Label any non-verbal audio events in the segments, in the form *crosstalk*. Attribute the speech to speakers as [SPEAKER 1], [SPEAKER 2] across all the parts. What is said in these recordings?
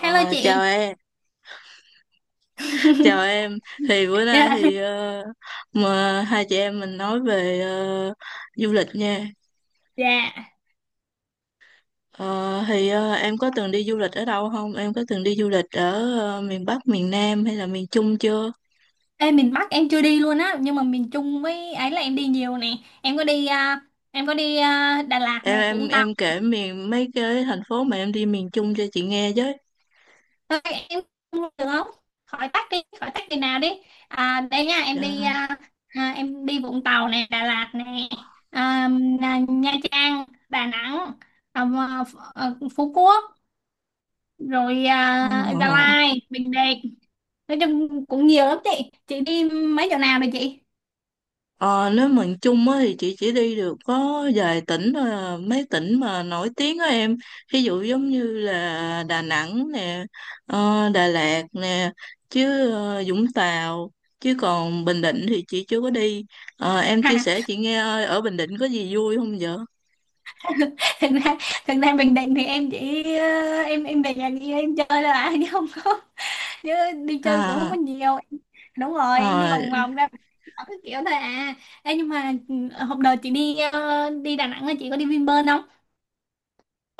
[SPEAKER 1] Hello
[SPEAKER 2] Chào
[SPEAKER 1] chị.
[SPEAKER 2] em, chào
[SPEAKER 1] *laughs*
[SPEAKER 2] em. Thì bữa nay
[SPEAKER 1] Dạ.
[SPEAKER 2] thì mà hai chị em mình nói về du lịch nha.
[SPEAKER 1] Dạ.
[SPEAKER 2] Em có từng đi du lịch ở đâu không? Em có từng đi du lịch ở miền Bắc, miền Nam hay là miền Trung chưa?
[SPEAKER 1] Ê, miền Bắc em chưa đi luôn á, nhưng mà miền Trung với ấy là em đi nhiều nè. Em có đi à, em có đi Đà Lạt
[SPEAKER 2] Em
[SPEAKER 1] này,
[SPEAKER 2] em
[SPEAKER 1] Vũng Tàu.
[SPEAKER 2] em kể miền mấy cái thành phố mà em đi miền Trung cho chị nghe với.
[SPEAKER 1] Thôi em không được không? Khỏi tắc đi nào đi. À, đây nha,
[SPEAKER 2] Ờ,
[SPEAKER 1] em đi Vũng Tàu nè, Đà Lạt nè, à, Nha Trang, Đà Nẵng, à, Phú Quốc, rồi Gia
[SPEAKER 2] ờ.
[SPEAKER 1] Lai, Bình Định. Nói chung cũng nhiều lắm chị. Chị đi mấy chỗ nào rồi chị?
[SPEAKER 2] Ờ, nếu mình chung á thì chị chỉ đi được có vài tỉnh thôi à, mấy tỉnh mà nổi tiếng á em, ví dụ giống như là Đà Nẵng nè, Đà Lạt nè, chứ Vũng Tàu, chứ còn Bình Định thì chị chưa có đi. Ờ, em chia sẻ
[SPEAKER 1] *laughs*
[SPEAKER 2] chị nghe ơi, ở Bình Định có gì vui không vậy?
[SPEAKER 1] *laughs* thực ra thực ra Bình Định thì em chỉ ờ, em về nhà đi em chơi là *laughs* chứ đi chơi cũng không có
[SPEAKER 2] à,
[SPEAKER 1] nhiều. Đúng rồi, em đi
[SPEAKER 2] ờ,
[SPEAKER 1] vòng vòng ra đảo cái kiểu thôi à. Ê, nhưng mà hôm đợt chị đi đi Đà Nẵng là chị có đi Vinpearl không?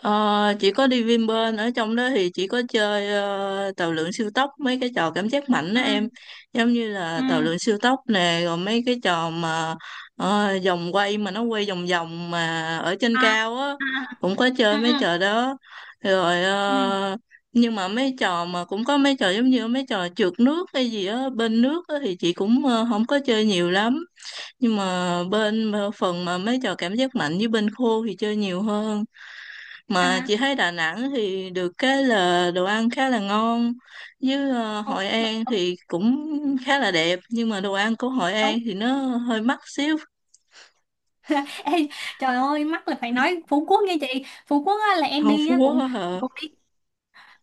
[SPEAKER 2] Ờ, chỉ có đi Vinpearl ở trong đó thì chỉ có chơi tàu lượn siêu tốc mấy cái trò cảm giác mạnh đó
[SPEAKER 1] Ừ,
[SPEAKER 2] em, giống như là
[SPEAKER 1] ừ.
[SPEAKER 2] tàu lượn siêu tốc nè, rồi mấy cái trò mà vòng quay mà nó quay vòng vòng mà ở trên
[SPEAKER 1] À,
[SPEAKER 2] cao á,
[SPEAKER 1] à.
[SPEAKER 2] cũng có
[SPEAKER 1] Ừ,
[SPEAKER 2] chơi mấy
[SPEAKER 1] ừ,
[SPEAKER 2] trò đó rồi.
[SPEAKER 1] ừ.
[SPEAKER 2] Ờ, nhưng mà mấy trò mà cũng có mấy trò giống như mấy trò trượt nước hay gì á bên nước á thì chị cũng không có chơi nhiều lắm, nhưng mà bên phần mà mấy trò cảm giác mạnh với bên khô thì chơi nhiều hơn. Mà
[SPEAKER 1] À.
[SPEAKER 2] chị thấy Đà Nẵng thì được cái là đồ ăn khá là ngon, với
[SPEAKER 1] Đúng,
[SPEAKER 2] Hội
[SPEAKER 1] đúng,
[SPEAKER 2] An
[SPEAKER 1] đúng.
[SPEAKER 2] thì cũng khá là đẹp, nhưng mà đồ ăn của Hội An
[SPEAKER 1] Đúng.
[SPEAKER 2] thì nó hơi mắc xíu.
[SPEAKER 1] *laughs* Ê, trời ơi, mắc là phải
[SPEAKER 2] Ừ.
[SPEAKER 1] nói Phú Quốc nha chị. Phú Quốc á, là em
[SPEAKER 2] Hầu
[SPEAKER 1] đi
[SPEAKER 2] Phú
[SPEAKER 1] á,
[SPEAKER 2] Quốc
[SPEAKER 1] cũng
[SPEAKER 2] á hả?
[SPEAKER 1] cũng đi.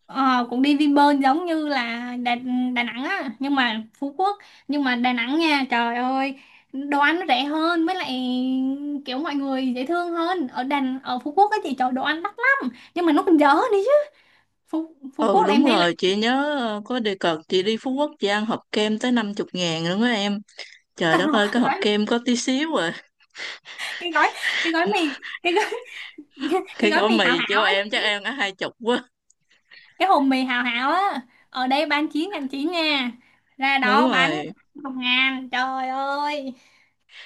[SPEAKER 1] Ờ, cũng đi Vinpearl giống như là Đà Nẵng á, nhưng mà Đà Nẵng nha trời ơi, đồ ăn nó rẻ hơn, với lại kiểu mọi người dễ thương hơn. Ở Đà, ở Phú Quốc á chị, trời, đồ ăn đắt lắm nhưng mà nó còn dở đi chứ. Phú, Phú
[SPEAKER 2] Ừ,
[SPEAKER 1] Quốc là em
[SPEAKER 2] đúng
[SPEAKER 1] thấy là
[SPEAKER 2] rồi, chị nhớ có đề cập chị đi Phú Quốc chị ăn hộp kem tới 50 ngàn luôn á em. Trời đất ơi
[SPEAKER 1] *laughs*
[SPEAKER 2] cái hộp
[SPEAKER 1] gói
[SPEAKER 2] kem có tí xíu à.
[SPEAKER 1] cái gói cái gói mì cái gói,
[SPEAKER 2] *laughs*
[SPEAKER 1] *laughs* cái
[SPEAKER 2] Cái
[SPEAKER 1] gói
[SPEAKER 2] gói
[SPEAKER 1] mì hảo
[SPEAKER 2] mì
[SPEAKER 1] hảo
[SPEAKER 2] chứ
[SPEAKER 1] á
[SPEAKER 2] em
[SPEAKER 1] chị.
[SPEAKER 2] chắc em đã hai chục quá.
[SPEAKER 1] Cái hồn mì hảo hảo á, ở đây bán 9.900 nha, ra
[SPEAKER 2] Đúng
[SPEAKER 1] đó bán
[SPEAKER 2] rồi.
[SPEAKER 1] 1.000. Trời ơi.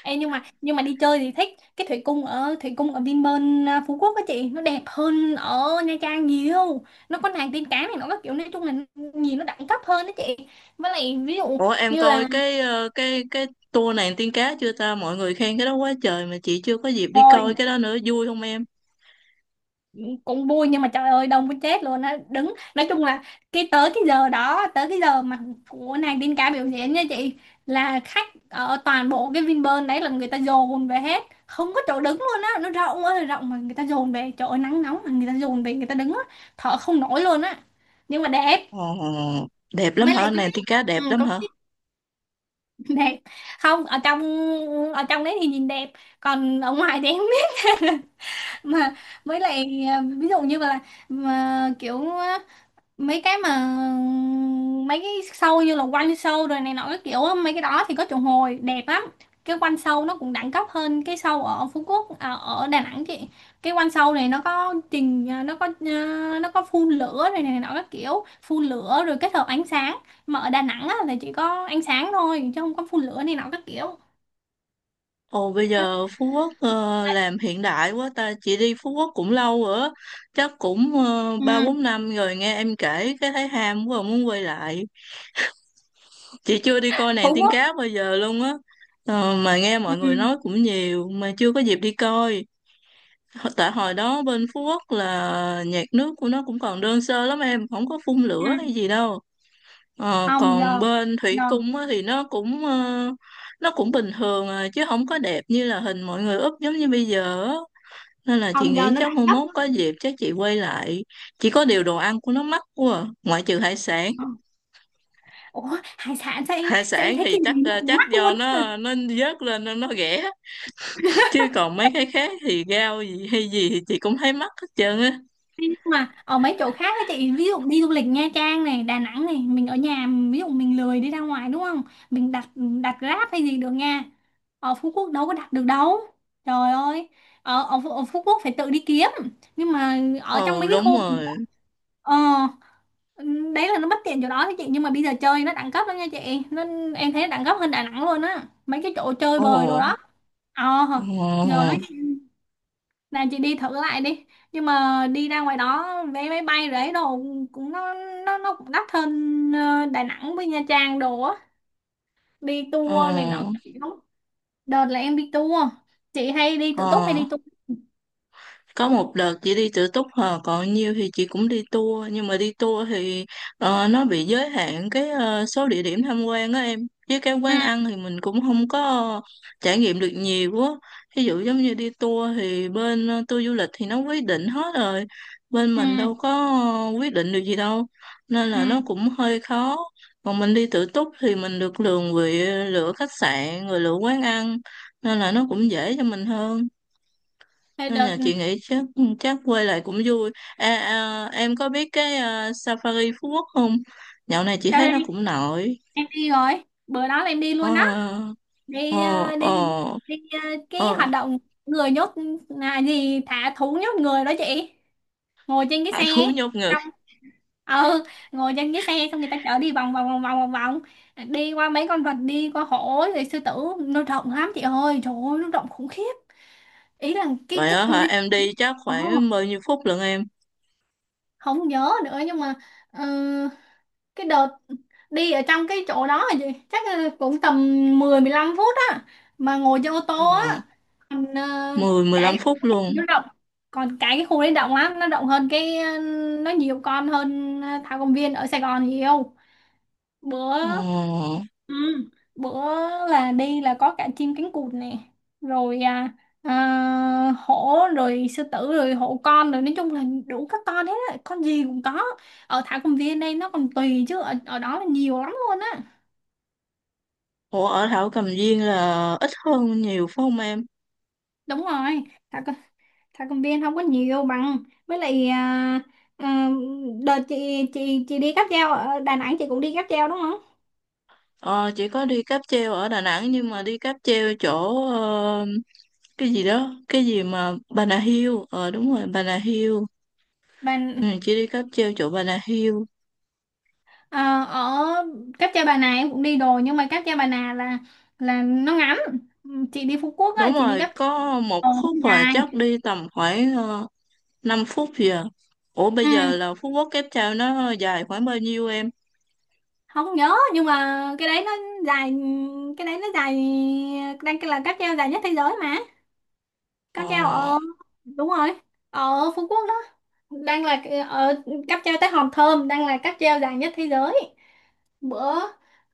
[SPEAKER 1] Ê, nhưng mà đi chơi thì thích. Cái thủy cung, ở Vinpearl Phú Quốc á chị, nó đẹp hơn ở Nha Trang nhiều. Nó có nàng tiên cá này, nó có kiểu, nói chung là nhìn nó đẳng cấp hơn đó chị. Với lại ví dụ
[SPEAKER 2] Ủa em
[SPEAKER 1] như
[SPEAKER 2] coi
[SPEAKER 1] là.
[SPEAKER 2] cái cái tour nàng tiên cá chưa ta? Mọi người khen cái đó quá trời mà chị chưa có dịp đi
[SPEAKER 1] Rồi,
[SPEAKER 2] coi cái đó nữa, vui không em?
[SPEAKER 1] cũng vui nhưng mà trời ơi đông muốn chết luôn á. Đứng, nói chung là cái tới cái giờ đó tới cái giờ mà của nàng Đinh Ca biểu diễn nha chị, là khách ở toàn bộ cái Vinpearl đấy là người ta dồn về hết, không có chỗ đứng luôn á, nó rộng ơi là rộng mà người ta dồn về, trời ơi nắng nóng mà người ta dồn về, người ta đứng á, thở không nổi luôn á, nhưng mà đẹp.
[SPEAKER 2] Ồ, đẹp lắm
[SPEAKER 1] Mới
[SPEAKER 2] hả?
[SPEAKER 1] lại
[SPEAKER 2] Nàng tiên cá đẹp lắm
[SPEAKER 1] có
[SPEAKER 2] hả?
[SPEAKER 1] cái *laughs* đẹp. Không, ở trong đấy thì nhìn đẹp, còn ở ngoài thì em không biết. *laughs* Mà với lại ví dụ như là, mà kiểu, mấy cái mà mấy cái show như là quanh show rồi này nọ cái kiểu á, mấy cái đó thì có triệu hồi đẹp lắm. Cái quanh show nó cũng đẳng cấp hơn cái show ở Phú Quốc, à, ở Đà Nẵng chị. Cái quanh show này nó có trình à, nó có phun lửa rồi này nọ các kiểu, phun lửa rồi kết hợp ánh sáng, mà ở Đà Nẵng á, là chỉ có ánh sáng thôi chứ không có phun lửa này nọ các kiểu.
[SPEAKER 2] Ồ bây giờ Phú Quốc làm hiện đại quá ta, chị đi Phú Quốc cũng lâu rồi á, chắc cũng ba bốn
[SPEAKER 1] Ừ.
[SPEAKER 2] năm rồi, nghe em kể cái thấy ham quá muốn quay lại. Chị chưa đi coi nàng
[SPEAKER 1] Phú
[SPEAKER 2] tiên
[SPEAKER 1] Quốc.
[SPEAKER 2] cá bao giờ luôn á. Ờ, mà nghe
[SPEAKER 1] Ừ.
[SPEAKER 2] mọi người nói cũng nhiều mà chưa có dịp đi coi. Tại hồi đó bên Phú Quốc là nhạc nước của nó cũng còn đơn sơ lắm em, không có phun
[SPEAKER 1] Ừ.
[SPEAKER 2] lửa hay gì đâu. Ờ,
[SPEAKER 1] Không,
[SPEAKER 2] còn
[SPEAKER 1] giờ
[SPEAKER 2] bên Thủy
[SPEAKER 1] giờ
[SPEAKER 2] Cung á, thì nó cũng bình thường à, chứ không có đẹp như là hình mọi người úp giống như bây giờ á. Nên là chị
[SPEAKER 1] không giờ
[SPEAKER 2] nghĩ
[SPEAKER 1] nó
[SPEAKER 2] chắc mai
[SPEAKER 1] đẳng cấp
[SPEAKER 2] mốt
[SPEAKER 1] lắm.
[SPEAKER 2] có dịp chắc chị quay lại, chỉ có điều đồ ăn của nó mắc quá à, ngoại trừ hải sản.
[SPEAKER 1] Ừ. Ủa, hải sản, sao em
[SPEAKER 2] Hải
[SPEAKER 1] sao em
[SPEAKER 2] sản
[SPEAKER 1] thấy
[SPEAKER 2] thì
[SPEAKER 1] cái
[SPEAKER 2] chắc
[SPEAKER 1] này nó
[SPEAKER 2] ờ,
[SPEAKER 1] cũng
[SPEAKER 2] chắc
[SPEAKER 1] mắc
[SPEAKER 2] do
[SPEAKER 1] luôn á.
[SPEAKER 2] nó nó vớt lên nên nó rẻ, chứ còn mấy cái khác thì rau gì hay gì thì chị cũng thấy mắc hết trơn á.
[SPEAKER 1] Nhưng mà ở mấy chỗ khác á chị, ví dụ đi du lịch Nha Trang này, Đà Nẵng này, mình ở nhà, ví dụ mình lười đi ra ngoài đúng không, mình đặt đặt Grab hay gì được nha. Ở Phú Quốc đâu có đặt được đâu, trời ơi, ở ở Phú Quốc phải tự đi kiếm, nhưng mà ở trong
[SPEAKER 2] Ừ
[SPEAKER 1] mấy cái
[SPEAKER 2] đúng
[SPEAKER 1] khu
[SPEAKER 2] rồi.
[SPEAKER 1] ờ đấy là nó bất tiện chỗ đó đó chị, nhưng mà bây giờ chơi nó đẳng cấp lắm nha chị, nó, em thấy nó đẳng cấp hơn Đà Nẵng luôn á, mấy cái chỗ chơi bời đồ
[SPEAKER 2] Ồ,
[SPEAKER 1] đó. ờ Giờ
[SPEAKER 2] ồ,
[SPEAKER 1] nó, là chị đi thử lại đi, nhưng mà đi ra ngoài đó vé máy bay rồi ấy đồ cũng, nó, nó cũng đắt hơn Đà Nẵng với Nha Trang đồ á, đi
[SPEAKER 2] ồ,
[SPEAKER 1] tour này nọ các kiểu. Đợt là em đi tour. Chị hay đi
[SPEAKER 2] Ồ.
[SPEAKER 1] tự túc hay đi tour?
[SPEAKER 2] Có một đợt chị đi tự túc hờ, còn nhiều thì chị cũng đi tour, nhưng mà đi tour thì nó bị giới hạn cái số địa điểm tham quan á em, với cái quán ăn
[SPEAKER 1] Ừ,
[SPEAKER 2] thì mình cũng không có trải nghiệm được nhiều á. Ví dụ giống như đi tour thì bên tour du lịch thì nó quyết định hết rồi, bên
[SPEAKER 1] ừ,
[SPEAKER 2] mình đâu có quyết định được gì đâu, nên là nó
[SPEAKER 1] ừ.
[SPEAKER 2] cũng hơi khó. Còn mình đi tự túc thì mình được lường vị lựa khách sạn rồi lựa quán ăn, nên là nó cũng dễ cho mình hơn.
[SPEAKER 1] Thế
[SPEAKER 2] Nên
[SPEAKER 1] đợt
[SPEAKER 2] là chị nghĩ chắc chắc quay lại cũng vui. Em có biết cái Safari Phú Quốc không? Dạo này chị
[SPEAKER 1] sau
[SPEAKER 2] thấy
[SPEAKER 1] đây
[SPEAKER 2] nó cũng nổi.
[SPEAKER 1] em đi rồi, bữa đó là em đi
[SPEAKER 2] ờ
[SPEAKER 1] luôn đó. Đi
[SPEAKER 2] ờ
[SPEAKER 1] ờ, đi
[SPEAKER 2] ờ
[SPEAKER 1] đi ờ, Cái hoạt
[SPEAKER 2] ờ
[SPEAKER 1] động người nhốt là gì, thả thú nhốt người đó chị, ngồi trên cái xe.
[SPEAKER 2] Thú nhốt ngực
[SPEAKER 1] ừ Ngồi trên cái xe xong người ta chở đi vòng vòng vòng vòng vòng vòng, đi qua mấy con vật, đi qua hổ rồi sư tử, nó rộng lắm chị ơi, trời ơi nó rộng khủng khiếp, ý là cái
[SPEAKER 2] vậy
[SPEAKER 1] cái
[SPEAKER 2] đó
[SPEAKER 1] khu
[SPEAKER 2] hả?
[SPEAKER 1] đi.
[SPEAKER 2] Em đi chắc
[SPEAKER 1] Ồ,
[SPEAKER 2] khoảng bao nhiêu phút lận em?
[SPEAKER 1] không nhớ nữa, nhưng mà ờ, cái đợt đi ở trong cái chỗ đó là gì, chắc là cũng tầm 10-15 phút á, mà ngồi trên ô
[SPEAKER 2] ờ
[SPEAKER 1] tô á. Còn
[SPEAKER 2] mười mười
[SPEAKER 1] cái
[SPEAKER 2] lăm
[SPEAKER 1] cái
[SPEAKER 2] phút
[SPEAKER 1] khu đấy
[SPEAKER 2] luôn?
[SPEAKER 1] thì nó rộng, còn cái khu đấy rộng lắm, nó nhiều con hơn thảo công viên ở Sài Gòn nhiều. bữa
[SPEAKER 2] ờ
[SPEAKER 1] Ừ, bữa là đi là có cả chim cánh cụt nè, rồi hổ rồi sư tử rồi hổ con rồi, nói chung là đủ các con hết á, con gì cũng có. Ở thảo cầm viên đây nó còn tùy chứ, ở đó là nhiều lắm luôn á.
[SPEAKER 2] Ủa ở Thảo Cầm Viên là ít hơn nhiều phải không em?
[SPEAKER 1] Đúng rồi. thảo, c- Thảo cầm viên không có nhiều bằng, với lại à, đợt chị, chị đi cáp treo ở Đà Nẵng, chị cũng đi cáp treo đúng không?
[SPEAKER 2] Ờ chị có đi cáp treo ở Đà Nẵng, nhưng mà đi cáp treo chỗ ờ, cái gì đó, cái gì mà Bà Nà Hill, ờ đúng rồi Bà Nà Hill.
[SPEAKER 1] Đà,
[SPEAKER 2] Ừ, chị đi cáp treo chỗ Bà Nà Hill.
[SPEAKER 1] Ờ, ở cáp treo Bà Nà em cũng đi đồ, nhưng mà cáp treo Bà Nà là nó ngắn. Ừ, chị đi Phú Quốc á
[SPEAKER 2] Đúng
[SPEAKER 1] chị đi
[SPEAKER 2] rồi,
[SPEAKER 1] cáp treo,
[SPEAKER 2] có một
[SPEAKER 1] nó
[SPEAKER 2] khúc mà
[SPEAKER 1] dài.
[SPEAKER 2] chắc đi tầm khoảng uh, 5 phút gì à. Ủa bây
[SPEAKER 1] ừ,
[SPEAKER 2] giờ là Phú Quốc Cáp Treo nó dài khoảng bao nhiêu em?
[SPEAKER 1] Không nhớ nhưng mà cái đấy nó dài, cái đấy nó dài đang là cáp treo dài nhất thế giới mà.
[SPEAKER 2] Ờ
[SPEAKER 1] Cáp treo đúng rồi, ở Phú Quốc đó, đang là, ở cáp treo tới Hòn Thơm đang là cáp treo dài nhất thế giới. Bữa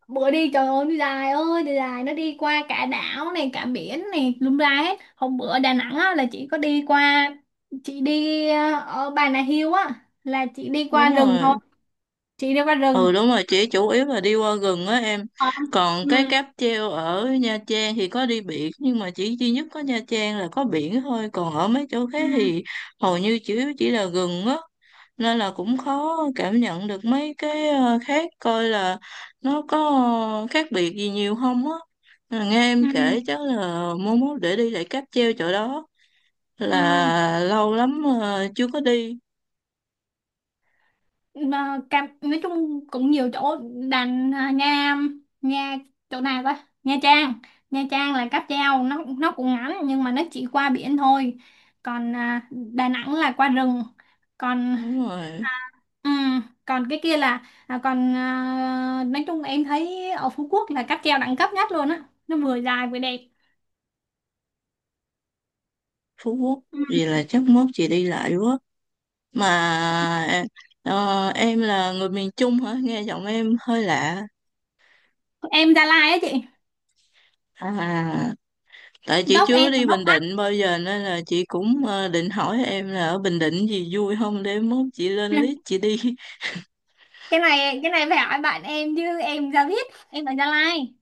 [SPEAKER 1] Bữa đi trời ơi nó dài ơi, đi dài, nó đi qua cả đảo này cả biển này lung la hết. Hôm bữa Đà Nẵng á, là chị có đi qua, chị đi ở Bà Nà Hills á, là chị đi qua
[SPEAKER 2] đúng
[SPEAKER 1] rừng thôi,
[SPEAKER 2] rồi.
[SPEAKER 1] chị đi qua
[SPEAKER 2] Ừ
[SPEAKER 1] rừng.
[SPEAKER 2] đúng rồi, chỉ chủ yếu là đi qua rừng á em.
[SPEAKER 1] Ờ.
[SPEAKER 2] Còn cái
[SPEAKER 1] Ừ,
[SPEAKER 2] cáp treo ở Nha Trang thì có đi biển. Nhưng mà chỉ duy nhất có Nha Trang là có biển thôi, còn ở mấy chỗ
[SPEAKER 1] ừ,
[SPEAKER 2] khác thì hầu như chỉ là rừng á. Nên là cũng khó cảm nhận được mấy cái khác. Coi là nó có khác biệt gì nhiều không á. Mà nghe
[SPEAKER 1] ừ,
[SPEAKER 2] em
[SPEAKER 1] ừ.
[SPEAKER 2] kể chắc là mốt mốt để đi lại cáp treo chỗ đó.
[SPEAKER 1] Ừ.
[SPEAKER 2] Là lâu lắm chưa có đi.
[SPEAKER 1] Mà cam nói chung cũng nhiều chỗ. Đành nha. nha Chỗ nào ta? Nha Trang. Nha Trang là cáp treo nó cũng ngắn, nhưng mà nó chỉ qua biển thôi, còn Đà Nẵng là qua rừng, còn
[SPEAKER 2] Đúng rồi.
[SPEAKER 1] còn cái kia là nói chung em thấy ở Phú Quốc là cáp treo đẳng cấp nhất luôn á, nó vừa dài vừa đẹp.
[SPEAKER 2] Phú Quốc.
[SPEAKER 1] Ừm,
[SPEAKER 2] Vì là chắc mốt chị đi lại quá. Mà ờ, em là người miền Trung hả? Nghe giọng em hơi lạ.
[SPEAKER 1] em Gia Lai á chị.
[SPEAKER 2] À, tại chị
[SPEAKER 1] Gốc
[SPEAKER 2] chưa
[SPEAKER 1] em là
[SPEAKER 2] đi
[SPEAKER 1] gốc
[SPEAKER 2] Bình
[SPEAKER 1] Bắc.
[SPEAKER 2] Định bao giờ nên là chị cũng định hỏi em là ở Bình Định gì vui không để mốt chị lên list chị đi. *laughs*
[SPEAKER 1] Cái này phải hỏi bạn em chứ em ra biết, em ở Gia Lai.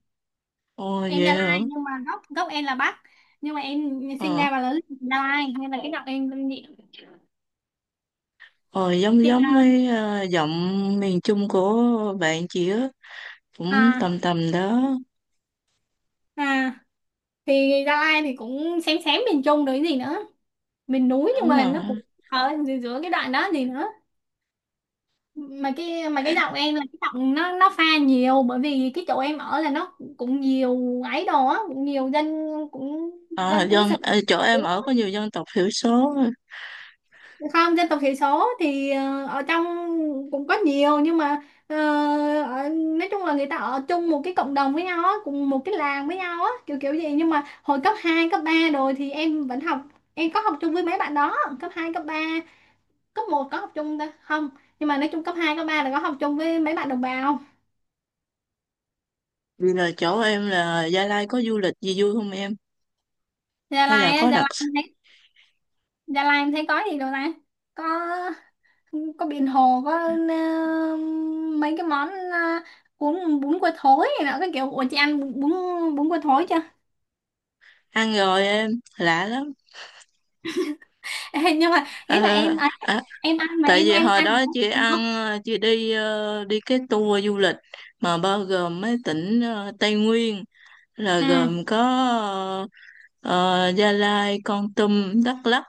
[SPEAKER 2] Ồ
[SPEAKER 1] Em Gia
[SPEAKER 2] vậy hả?
[SPEAKER 1] Lai nhưng mà gốc gốc em là Bắc, nhưng mà em sinh
[SPEAKER 2] Ờ,
[SPEAKER 1] ra và lớn lên ở Gia Lai nên là cái giọng em âm
[SPEAKER 2] ờ Giống
[SPEAKER 1] chị
[SPEAKER 2] giống
[SPEAKER 1] là.
[SPEAKER 2] với giọng miền Trung của bạn chị á, cũng
[SPEAKER 1] à
[SPEAKER 2] tầm tầm đó.
[SPEAKER 1] à thì Gia Lai thì cũng xém xém miền Trung đấy gì nữa, miền núi nhưng
[SPEAKER 2] Đúng
[SPEAKER 1] mà
[SPEAKER 2] rồi.
[SPEAKER 1] nó cũng ở giữa giữa cái đoạn đó gì nữa. Mà cái mà Cái giọng em là cái giọng nó pha nhiều, bởi vì cái chỗ em ở là nó cũng nhiều ấy đồ á, cũng nhiều dân, cũng
[SPEAKER 2] À,
[SPEAKER 1] dân tứ xứ.
[SPEAKER 2] dân chỗ em ở có nhiều dân tộc thiểu số.
[SPEAKER 1] Không, dân tộc thiểu số thì ở trong cũng có nhiều, nhưng mà ờ, nói chung là người ta ở chung một cái cộng đồng với nhau á, cùng một cái làng với nhau á kiểu kiểu gì, nhưng mà hồi cấp 2 cấp 3 rồi thì em vẫn học, em có học chung với mấy bạn đó cấp 2 cấp ba. Cấp một có học chung ta không? Nhưng mà nói chung cấp 2 cấp 3 là có học chung với mấy bạn đồng bào.
[SPEAKER 2] Vì là chỗ em là Gia Lai có du lịch gì vui không em?
[SPEAKER 1] Gia
[SPEAKER 2] Hay
[SPEAKER 1] Lai
[SPEAKER 2] là
[SPEAKER 1] á,
[SPEAKER 2] có đặc
[SPEAKER 1] Gia Lai em thấy có gì đâu ta? có có biển hồ, có ờ, mấy cái món bún bún cua thối này nọ cái kiểu. Ủa, chị ăn bún bún bún cua thối chưa?
[SPEAKER 2] ăn rồi em lạ lắm.
[SPEAKER 1] *laughs* Ê, nhưng mà
[SPEAKER 2] Ờ,
[SPEAKER 1] ý là em ấy,
[SPEAKER 2] à,
[SPEAKER 1] em ăn mà
[SPEAKER 2] Tại
[SPEAKER 1] em
[SPEAKER 2] vì
[SPEAKER 1] ăn
[SPEAKER 2] hồi
[SPEAKER 1] ăn
[SPEAKER 2] đó
[SPEAKER 1] không
[SPEAKER 2] chị
[SPEAKER 1] được,
[SPEAKER 2] ăn
[SPEAKER 1] không?
[SPEAKER 2] chị đi đi cái tour du lịch mà bao gồm mấy tỉnh Tây Nguyên, là
[SPEAKER 1] Ừ,
[SPEAKER 2] gồm có ờ, Gia Lai, Kon Tum, Đắk Lắk.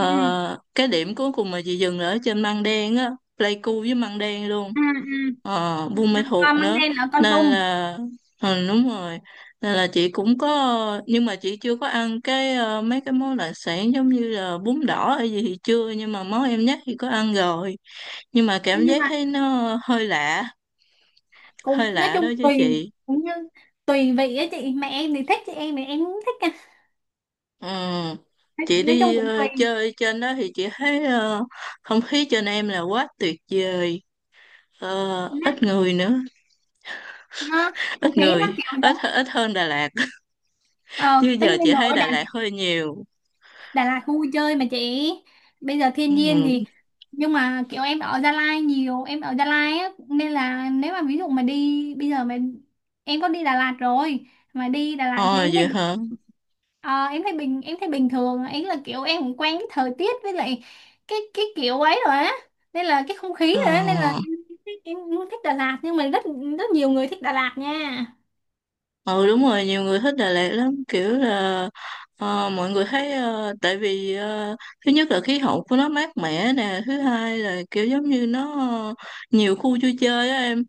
[SPEAKER 1] ừ,
[SPEAKER 2] cái điểm cuối cùng mà chị dừng là ở trên Măng Đen á, Pleiku với Măng Đen luôn,
[SPEAKER 1] ừ, ừ.
[SPEAKER 2] Buôn Ma Thuột
[SPEAKER 1] Con mang
[SPEAKER 2] nữa.
[SPEAKER 1] đen là con
[SPEAKER 2] Nên
[SPEAKER 1] đùng.
[SPEAKER 2] là đúng rồi, nên là chị cũng có, nhưng mà chị chưa có ăn cái mấy cái món đặc sản giống như là bún đỏ hay gì thì chưa, nhưng mà món em nhắc thì có ăn rồi, nhưng mà cảm
[SPEAKER 1] Nhưng
[SPEAKER 2] giác
[SPEAKER 1] mà
[SPEAKER 2] thấy nó hơi lạ,
[SPEAKER 1] cũng
[SPEAKER 2] hơi
[SPEAKER 1] nói
[SPEAKER 2] lạ đó
[SPEAKER 1] chung
[SPEAKER 2] chứ
[SPEAKER 1] tùy,
[SPEAKER 2] chị.
[SPEAKER 1] cũng như tùy vị á chị, mẹ em thì thích, chị em thì em cũng thích à.
[SPEAKER 2] Ừ.
[SPEAKER 1] nói,
[SPEAKER 2] Chị
[SPEAKER 1] nói chung
[SPEAKER 2] đi
[SPEAKER 1] cũng tùy.
[SPEAKER 2] chơi trên đó thì chị thấy không khí trên em là quá tuyệt vời. Ờ,
[SPEAKER 1] nó,
[SPEAKER 2] ít người nữa,
[SPEAKER 1] nó không
[SPEAKER 2] ít
[SPEAKER 1] khí nó
[SPEAKER 2] người
[SPEAKER 1] kiểu đó.
[SPEAKER 2] ít ít hơn Đà Lạt. *laughs*
[SPEAKER 1] Ờ
[SPEAKER 2] Như
[SPEAKER 1] Tất
[SPEAKER 2] giờ
[SPEAKER 1] nhiên
[SPEAKER 2] chị thấy
[SPEAKER 1] rồi.
[SPEAKER 2] Đà Lạt hơi nhiều.
[SPEAKER 1] Đà Lạt khu vui chơi mà chị, bây giờ thiên nhiên
[SPEAKER 2] Ừ.
[SPEAKER 1] thì. Nhưng mà kiểu em ở Gia Lai nhiều, em ở Gia Lai á nên là nếu mà ví dụ mà đi bây giờ mà em có đi Đà Lạt rồi, mà đi Đà Lạt thì
[SPEAKER 2] Ờ
[SPEAKER 1] em thấy
[SPEAKER 2] vậy hả?
[SPEAKER 1] ờ, em thấy em thấy bình thường ấy, là kiểu em cũng quen cái thời tiết, với lại cái kiểu ấy rồi á, nên là cái không khí rồi á, nên là
[SPEAKER 2] Ờ.
[SPEAKER 1] em cũng thích Đà Lạt, nhưng mà rất, rất nhiều người thích Đà Lạt nha.
[SPEAKER 2] Ừ đúng rồi, nhiều người thích Đà Lạt lắm, kiểu là mọi người thấy tại vì thứ nhất là khí hậu của nó mát mẻ nè, thứ hai là kiểu giống như nó ờ, nhiều khu vui chơi á em.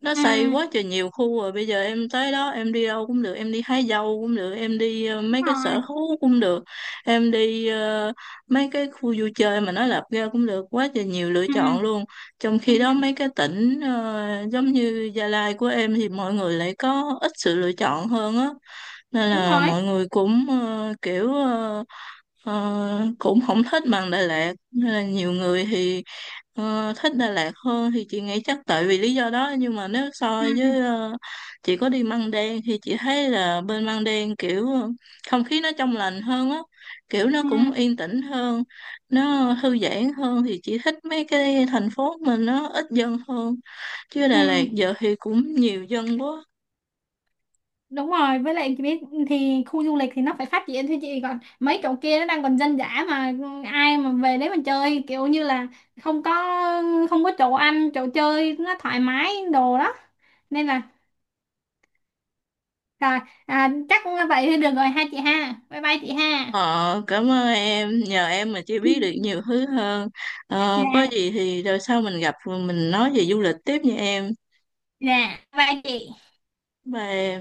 [SPEAKER 2] Nó
[SPEAKER 1] Ừ,
[SPEAKER 2] xây quá trời nhiều khu rồi, bây giờ em tới đó em đi đâu cũng được, em đi hái dâu cũng được, em đi
[SPEAKER 1] đúng
[SPEAKER 2] mấy cái sở
[SPEAKER 1] rồi.
[SPEAKER 2] thú cũng được, em đi mấy cái khu vui chơi mà nó lập ra cũng được, quá trời nhiều lựa
[SPEAKER 1] ừ,
[SPEAKER 2] chọn luôn. Trong
[SPEAKER 1] ừ
[SPEAKER 2] khi đó mấy cái tỉnh giống như Gia Lai của em thì mọi người lại có ít sự lựa chọn hơn á, nên
[SPEAKER 1] Đúng
[SPEAKER 2] là
[SPEAKER 1] rồi.
[SPEAKER 2] mọi người cũng kiểu cũng không thích bằng Đà Lạt, nên là nhiều người thì thích Đà Lạt hơn thì chị nghĩ chắc tại vì lý do đó. Nhưng mà nếu so
[SPEAKER 1] Ừ, ừ,
[SPEAKER 2] với ờ, chị có đi Măng Đen thì chị thấy là bên Măng Đen kiểu không khí nó trong lành hơn á, kiểu nó
[SPEAKER 1] ừ,
[SPEAKER 2] cũng yên tĩnh hơn, nó thư giãn hơn thì chị thích mấy cái thành phố mình nó ít dân hơn, chứ
[SPEAKER 1] ừ.
[SPEAKER 2] Đà Lạt giờ thì cũng nhiều dân quá.
[SPEAKER 1] Đúng rồi, với lại chị biết thì khu du lịch thì nó phải phát triển thôi chị, còn mấy chỗ kia nó đang còn dân dã mà, ai mà về đấy mà chơi kiểu như là, không có không có chỗ ăn, chỗ chơi nó thoải mái đồ đó. Nên là, rồi à, chắc vậy thì được rồi ha chị ha. Bye bye chị ha.
[SPEAKER 2] Ờ, cảm ơn em, nhờ em mà chị biết được
[SPEAKER 1] *laughs*
[SPEAKER 2] nhiều thứ hơn. Ờ, có
[SPEAKER 1] Dạ,
[SPEAKER 2] gì thì rồi sau mình gặp mình nói về du lịch tiếp nha em.
[SPEAKER 1] dạ, bye chị.
[SPEAKER 2] Bye em.